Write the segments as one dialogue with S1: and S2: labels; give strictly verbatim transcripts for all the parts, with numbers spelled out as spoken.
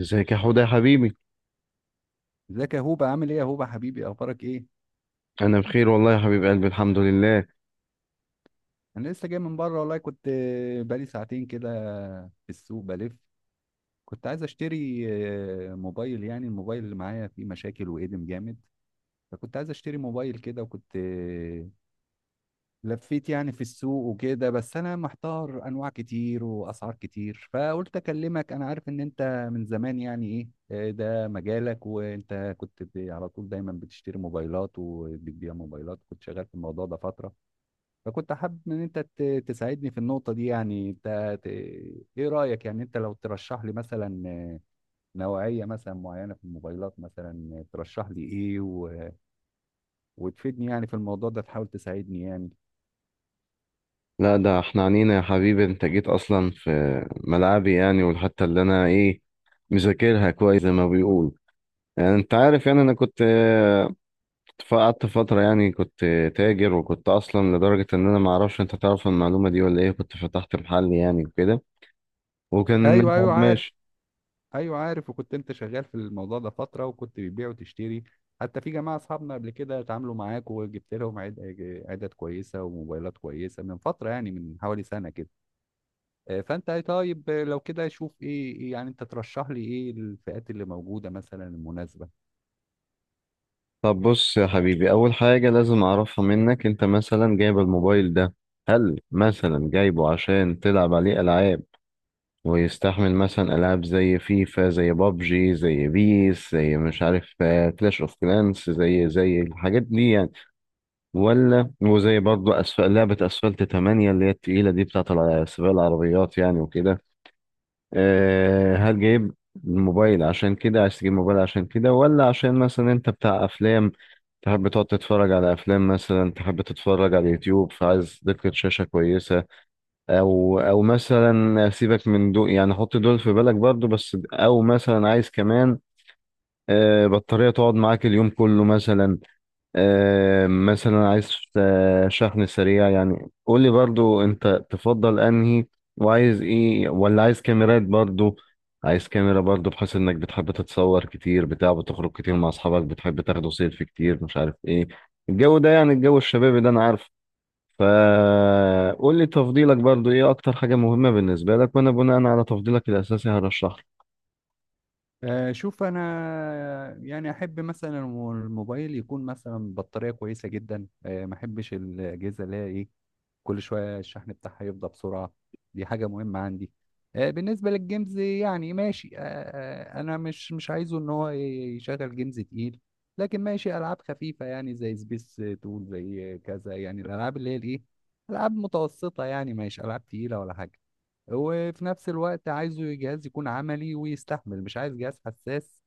S1: ازيك يا حوده يا حبيبي.
S2: ازيك يا هوبا؟ عامل ايه يا هوبا حبيبي؟ اخبارك ايه؟
S1: انا بخير والله يا حبيب قلبي، الحمد لله.
S2: انا لسه جاي من بره والله، كنت بقالي ساعتين كده في السوق بلف. كنت عايز اشتري آه، موبايل، يعني الموبايل اللي معايا فيه مشاكل وقدم جامد. فكنت عايز اشتري موبايل كده، وكنت آه، لفيت يعني في السوق وكده، بس انا محتار انواع كتير واسعار كتير، فقلت اكلمك. انا عارف ان انت من زمان يعني ايه آه، ده مجالك، وانت كنت ب- على طول دايما بتشتري موبايلات وبتبيع موبايلات، كنت شغال في الموضوع ده فترة. فكنت حابب ان انت ت- تساعدني في النقطة دي، يعني انت ت... ايه رأيك، يعني انت لو ترشح لي مثلا نوعية مثلا معينة في الموبايلات، مثلا ترشح لي ايه و... وتفيدني يعني في الموضوع ده، تحاول تساعدني يعني.
S1: لا ده احنا عنينا يا حبيبي، انت جيت اصلا في ملعبي يعني، والحته اللي انا ايه مذاكرها كويس زي ما بيقول. يعني انت عارف، يعني انا كنت آه، قعدت فتره، يعني كنت تاجر، وكنت اصلا لدرجه ان انا ما اعرفش انت تعرف المعلومه دي ولا ايه، كنت فتحت محل يعني وكده، وكان
S2: ايوه ايوه عارف.
S1: ماشي.
S2: ايوه عارف، وكنت انت شغال في الموضوع ده فترة وكنت بتبيع وتشتري، حتى في جماعة اصحابنا قبل كده اتعاملوا معاك وجبت لهم عد... عدد كويسة وموبايلات كويسة من فترة، يعني من حوالي سنة كده. آه، فانت طيب، آه، لو كده شوف ايه إيه يعني انت ترشح لي، ايه الفئات اللي موجوده مثلا المناسبه؟
S1: طب بص يا حبيبي، اول حاجه لازم اعرفها منك، انت مثلا جايب الموبايل ده، هل مثلا جايبه عشان تلعب عليه العاب ويستحمل مثلا ألعاب زي فيفا، زي بابجي، زي بيس، زي مش عارف كلاش اوف كلانس، زي زي الحاجات دي يعني؟ ولا وزي برضه أسفل لعبة أسفلت تمانية اللي هي التقيلة دي بتاعت الع- سباق العربيات يعني وكده؟ أه، هل جايب الموبايل عشان كده، عايز تجيب موبايل عشان كده، ولا عشان مثلا انت بتاع افلام، تحب تقعد تتفرج على افلام، مثلا تحب تتفرج على اليوتيوب فعايز دقة شاشة كويسة؟ او او مثلا سيبك من دول يعني، حط دول في بالك برضو بس، او مثلا عايز كمان آه، بطارية تقعد معاك اليوم كله مثلا، آه، مثلا عايز آه، شحن سريع. يعني قول لي برضو انت تفضل انهي، وعايز ايه، ولا عايز كاميرات برضو؟ عايز كاميرا برضو بحيث انك بتحب تتصور كتير، بتاع بتخرج كتير مع اصحابك، بتحب تاخدوا سيلفي كتير مش عارف ايه، الجو ده يعني الجو الشبابي ده انا عارف. فقول لي تفضيلك برضو ايه، اكتر حاجة مهمة بالنسبة لك، وانا بناء على تفضيلك الاساسي هرشح لك.
S2: آه، شوف انا يعني احب مثلا الموبايل يكون مثلا بطاريه كويسه جدا، آه، ما احبش الاجهزه اللي هي ايه، كل شويه الشحن بتاعها يفضى بسرعه، دي حاجه مهمه عندي. آه، بالنسبه للجيمز يعني ماشي، آه، آه، انا مش مش عايزه ان هو يشغل جيمز تقيل، لكن ماشي العاب خفيفه يعني زي سبيس تول زي كذا، يعني الالعاب اللي هي الايه، العاب متوسطه يعني ماشي، العاب تقيله ولا حاجه. وفي نفس الوقت عايزه جهاز يكون عملي ويستحمل، مش عايز جهاز حساس،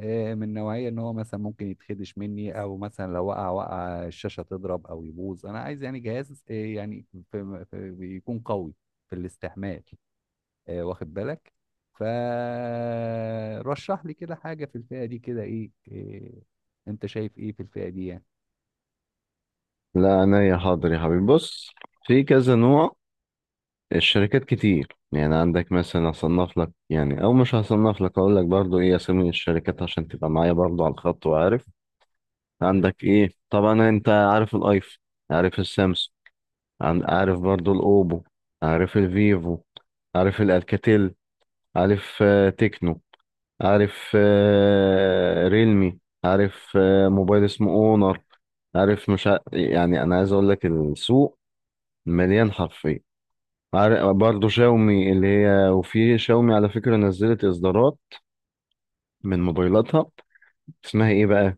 S2: آه، من نوعية ان هو مثلا ممكن يتخدش مني، او مثلا لو وقع وقع الشاشة تضرب او يبوظ. انا عايز يعني جهاز آه، يعني في في بيكون قوي في الاستحمال، آه، واخد بالك. فرشح لي كده حاجة في الفئة دي كده، ايه إيه، انت شايف ايه في الفئة دي يعني؟
S1: لا انا يا حاضر يا حبيبي، بص، في كذا نوع، الشركات كتير يعني. عندك مثلا، هصنف لك يعني، او مش هصنف لك، اقول لك برضو ايه اسامي الشركات عشان تبقى معايا برضو على الخط وعارف عندك ايه. طبعا انت عارف الايفون، عارف السامسونج، عن- عارف برضو الاوبو، عارف الفيفو، عارف الالكاتيل، عارف آه، تكنو، عارف آه، ريلمي، عارف آه، موبايل اسمه اونر، عارف مش ع... يعني انا عايز اقول لك السوق مليان حرفيا. عارف برضه شاومي اللي هي، وفي شاومي على فكرة نزلت اصدارات من موبايلاتها، اسمها ايه بقى،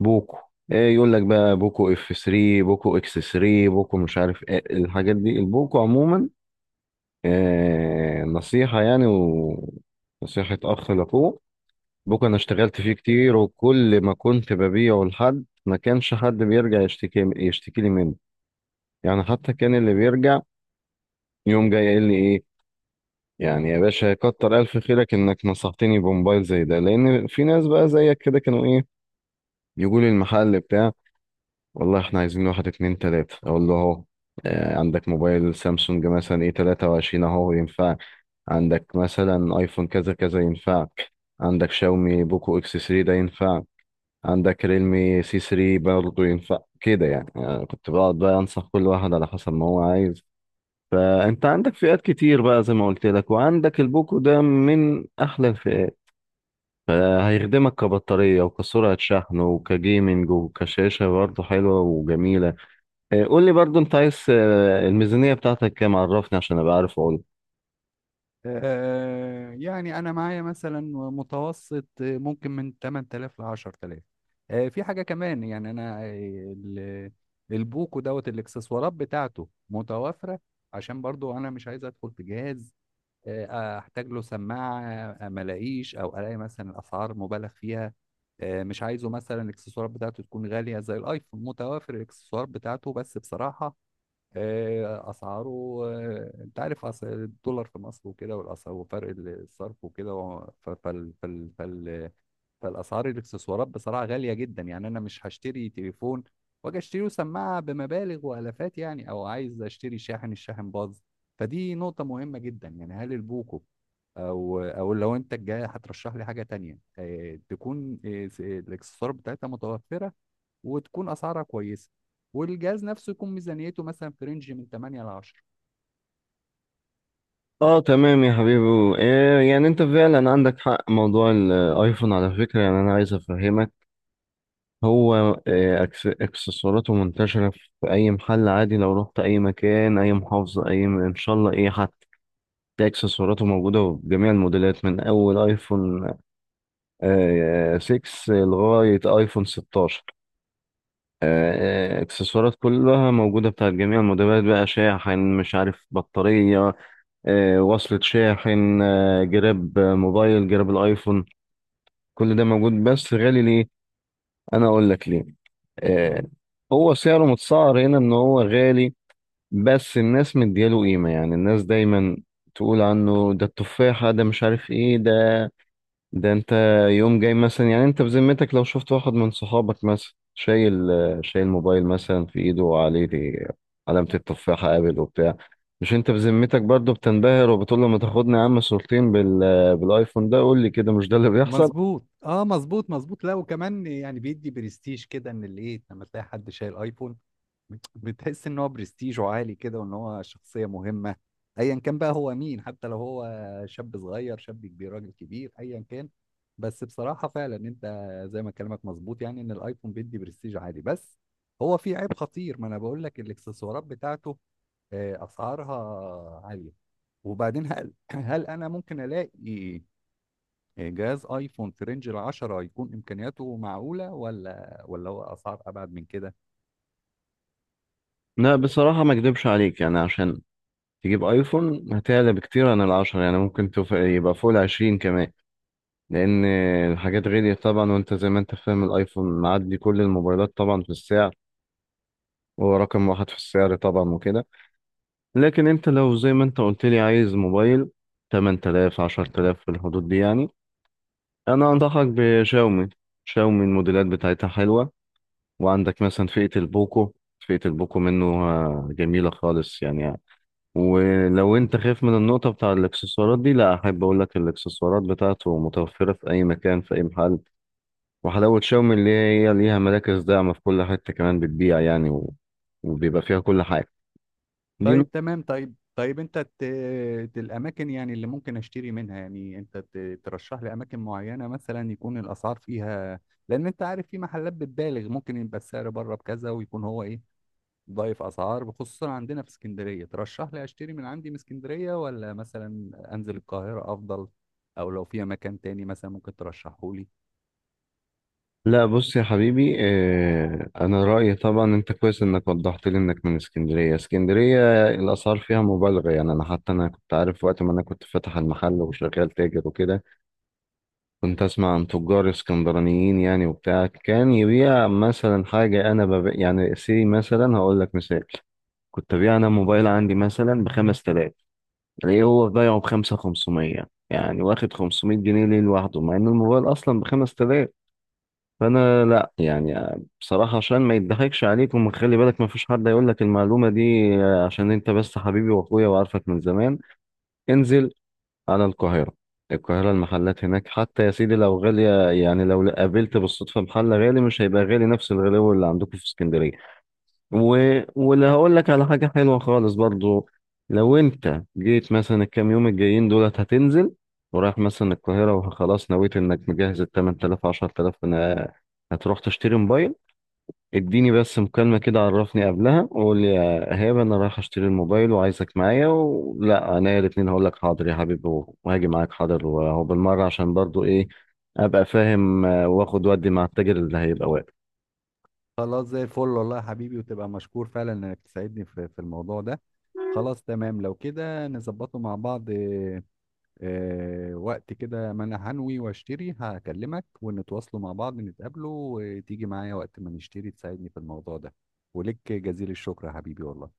S1: بوكو. ايه يقول لك بقى، بوكو اف تلاتة، بوكو اكس تلاتة، بوكو مش عارف ايه الحاجات دي، البوكو عموما آه نصيحة يعني، ونصيحة اخ لاخوه، بوك انا اشتغلت فيه كتير، وكل ما كنت ببيعه لحد ما كانش حد بيرجع يشتكي يشتكي لي منه. يعني حتى كان اللي بيرجع يوم جاي قايل لي ايه يعني، يا باشا كتر الف خيرك انك نصحتني بموبايل زي ده، لان في ناس بقى زيك كده كانوا ايه يقول لي المحل بتاع، والله احنا عايزين واحد اتنين تلاتة، اقول له اهو، آه، عندك موبايل سامسونج مثلا ايه تلاتة وعشرين اهو ينفع، عندك مثلا ايفون كذا كذا ينفعك، عندك شاومي بوكو اكس تلاتة ده ينفع، عندك ريلمي سي تلاتة برضه ينفع كده يعني. آه، كنت بقعد بقى انصح كل واحد على حسب ما هو عايز. فانت عندك فئات كتير بقى زي ما قلت لك، وعندك البوكو ده من احلى الفئات، فهيخدمك كبطارية، وكسرعة شحن، وكجيمنج، وكشاشة برضه حلوة وجميلة. آه، قول لي برضه انت عايز، آه، الميزانية بتاعتك كام، عرفني عشان ابقى عارف اقول.
S2: آه، يعني انا معايا مثلا متوسط، آه، ممكن من ثمانية آلاف ل عشرة آلاف. آه، في حاجه كمان يعني انا آه، ال- البوكو دوت الاكسسوارات بتاعته متوافره، عشان برضو انا مش عايز ادخل في جهاز آه، احتاج له سماعه، آه، ما الاقيش او الاقي مثلا الاسعار مبالغ فيها. آه، مش عايزه مثلا الاكسسوارات بتاعته تكون غاليه زي الايفون. متوافر الاكسسوارات بتاعته بس بصراحه آه، اسعاره، آه، انت عارف أس- الدولار في مصر وكده والاسعار وفرق الصرف وكده و- ف- فال فال فال فالاسعار الاكسسوارات بصراحه غاليه جدا، يعني انا مش هشتري تليفون واجي اشتري سماعه بمبالغ والافات يعني، او عايز اشتري شاحن الشاحن باظ. فدي نقطه مهمه جدا. يعني هل البوكو او او لو انت الجاي هترشح لي حاجه تانية آه، تكون آه، س- آه، الاكسسوار بتاعتها متوفره، وتكون اسعارها كويسه، والجهاز نفسه يكون ميزانيته مثلا في رينج من ثمانية ل عشرة.
S1: اه تمام يا حبيبي. آه، يعني انت فعلا عندك حق. موضوع الايفون على فكرة، يعني انا عايز افهمك، هو آه، أكس- اكسسواراته منتشرة في اي محل عادي، لو رحت اي مكان، اي محافظة، اي م- ان شاء الله ايه حتى تلاقي اكسسواراته موجودة بجميع الموديلات، من اول ايفون آه، ستة لغاية ايفون ستاشر، آه، آه، اكسسوارات كلها موجودة بتاعت جميع الموديلات، بقى شاحن، مش عارف بطارية، آه، وصلة شاحن، آه، جراب موبايل، جراب الايفون، كل ده موجود بس غالي. ليه؟ انا اقول لك ليه. آه، هو سعره متسعر هنا ان هو غالي، بس الناس مدياله قيمة، يعني الناس دايما تقول عنه ده التفاحة، ده مش عارف ايه ده. ده انت يوم جاي مثلا، يعني انت بذمتك لو شفت واحد من صحابك مثلا شايل، آه، شايل موبايل مثلا في ايده وعليه علامة التفاحة ابل وبتاع، مش انت بذمتك برضه بتنبهر وبتقول له ما تاخدني يا عم صورتين بال بالايفون ده؟ قول لي كده، مش ده اللي بيحصل؟
S2: مظبوط، اه مظبوط مظبوط. لا وكمان يعني بيدي برستيج كده، ان الايه لما تلاقي حد شايل ايفون بتحس ان هو برستيجه عالي كده، وان هو شخصيه مهمه ايا كان بقى هو مين، حتى لو هو شاب صغير شاب كبير راجل كبير ايا كان. بس بصراحه فعلا انت زي ما كلامك مظبوط، يعني ان الايفون بيدي برستيج عالي، بس هو في عيب خطير، ما انا بقول لك الاكسسوارات بتاعته آه، اسعارها عاليه. وبعدين هل هل انا ممكن الاقي جهاز ايفون في رينج ال العشرة يكون امكانياته معقوله، ولا ولا هو اسعار ابعد من كده؟
S1: لا بصراحة ما اكدبش عليك، يعني عشان تجيب ايفون هتعلى بكتير عن العشرة، يعني ممكن تف... يبقى فوق العشرين كمان، لان الحاجات غليت طبعا، وانت زي ما انت فاهم الايفون معدي كل الموبايلات طبعا في السعر، هو رقم واحد في السعر طبعا وكده. لكن انت لو زي ما انت قلت لي عايز موبايل ثمانية آلاف عشرة الاف في الحدود دي، يعني انا انصحك بشاومي. شاومي الموديلات بتاعتها حلوة، وعندك مثلا فئة البوكو، فئة البوكو منه آه، جميلة خالص يعني. ولو انت خايف من النقطة بتاع الاكسسوارات دي، لا احب اقول لك الاكسسوارات بتاعته متوفرة في اي مكان، في اي محل. وحلاوة شاومي اللي هي إيه، ليها مراكز داعمة في كل حتة كمان بتبيع يعني، و... وبيبقى فيها كل حاجة. دي
S2: طيب
S1: نقطة.
S2: تمام، طيب طيب انت ت... ت- الاماكن يعني اللي ممكن اشتري منها، يعني انت ت... ترشح لي اماكن معينه مثلا يكون الاسعار فيها، لان انت عارف في محلات بتبالغ، ممكن يبقى السعر بره بكذا ويكون هو ايه ضايف اسعار، خصوصا عندنا في اسكندريه. ترشح لي اشتري من عندي من اسكندريه، ولا مثلا انزل القاهره افضل؟ او لو في مكان تاني مثلا ممكن ترشحه لي.
S1: لا بص يا حبيبي، اه انا رأيي طبعا، انت كويس انك وضحت لي انك من اسكندرية. اسكندرية الاسعار فيها مبالغة يعني، انا حتى انا كنت عارف وقت ما انا كنت فاتح المحل وشغال تاجر وكده، كنت اسمع عن تجار اسكندرانيين يعني وبتاع، كان يبيع مثلا حاجه انا بب... يعني سي مثلا هقول لك مثال، كنت ابيع انا موبايل عندي مثلا ب خمسة الاف، الاقيه هو بايعه ب خمسة الاف وخمسمية، يعني واخد خمسمائة جنيه ليه لوحده مع ان الموبايل اصلا ب خمستلاف. فانا لا يعني بصراحه، عشان ما يضحكش عليك، وخلي بالك ما فيش حد هيقول لك المعلومه دي آه، عشان انت بس حبيبي واخويا وعارفك من زمان. انزل انا القاهره. القاهره المحلات هناك حتى يا سيدي لو غاليه، يعني لو قابلت بالصدفه محل غالي، مش هيبقى غالي نفس الغلاوه اللي عندكم في اسكندريه. و... واللي هقول لك على حاجه حلوه خالص برضو، لو انت جيت مثلا الكام يوم الجايين دولت هتنزل، ورايح مثلا القاهره، وخلاص نويت انك مجهز ال ثمانية آلاف عشرتلاف، انا هتروح تشتري موبايل، اديني بس مكالمة كده، عرفني قبلها وقول لي يا إيهاب، أنا رايح أشتري الموبايل وعايزك معايا ولا أنا، الاتنين هقول لك حاضر يا حبيبي، و- وهاجي معاك حاضر، وهو بالمرة عشان برضو إيه أبقى فاهم، آه، وآخد ودي مع التاجر اللي هيبقى واقف.
S2: خلاص زي الفل والله يا حبيبي، وتبقى مشكور فعلا انك تساعدني في في الموضوع ده. خلاص تمام، لو كده نظبطه مع بعض. آه، وقت كده ما انا هنوي واشتري هكلمك ونتواصلوا مع بعض نتقابلوا، وتيجي معايا وقت ما نشتري تساعدني في الموضوع ده. ولك جزيل الشكر يا حبيبي والله.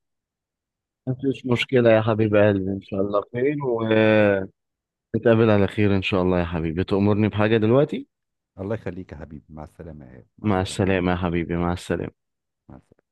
S1: مفيش مشكلة يا حبيب قلبي، إن شاء الله خير ونتقابل على خير إن شاء الله يا حبيبي. تأمرني بحاجة دلوقتي؟
S2: الله يخليك يا حبيبي، مع السلامة يا- مع
S1: مع
S2: السلامة يا حبيبي،
S1: السلامة يا حبيبي، مع السلامة.
S2: مع السلامة.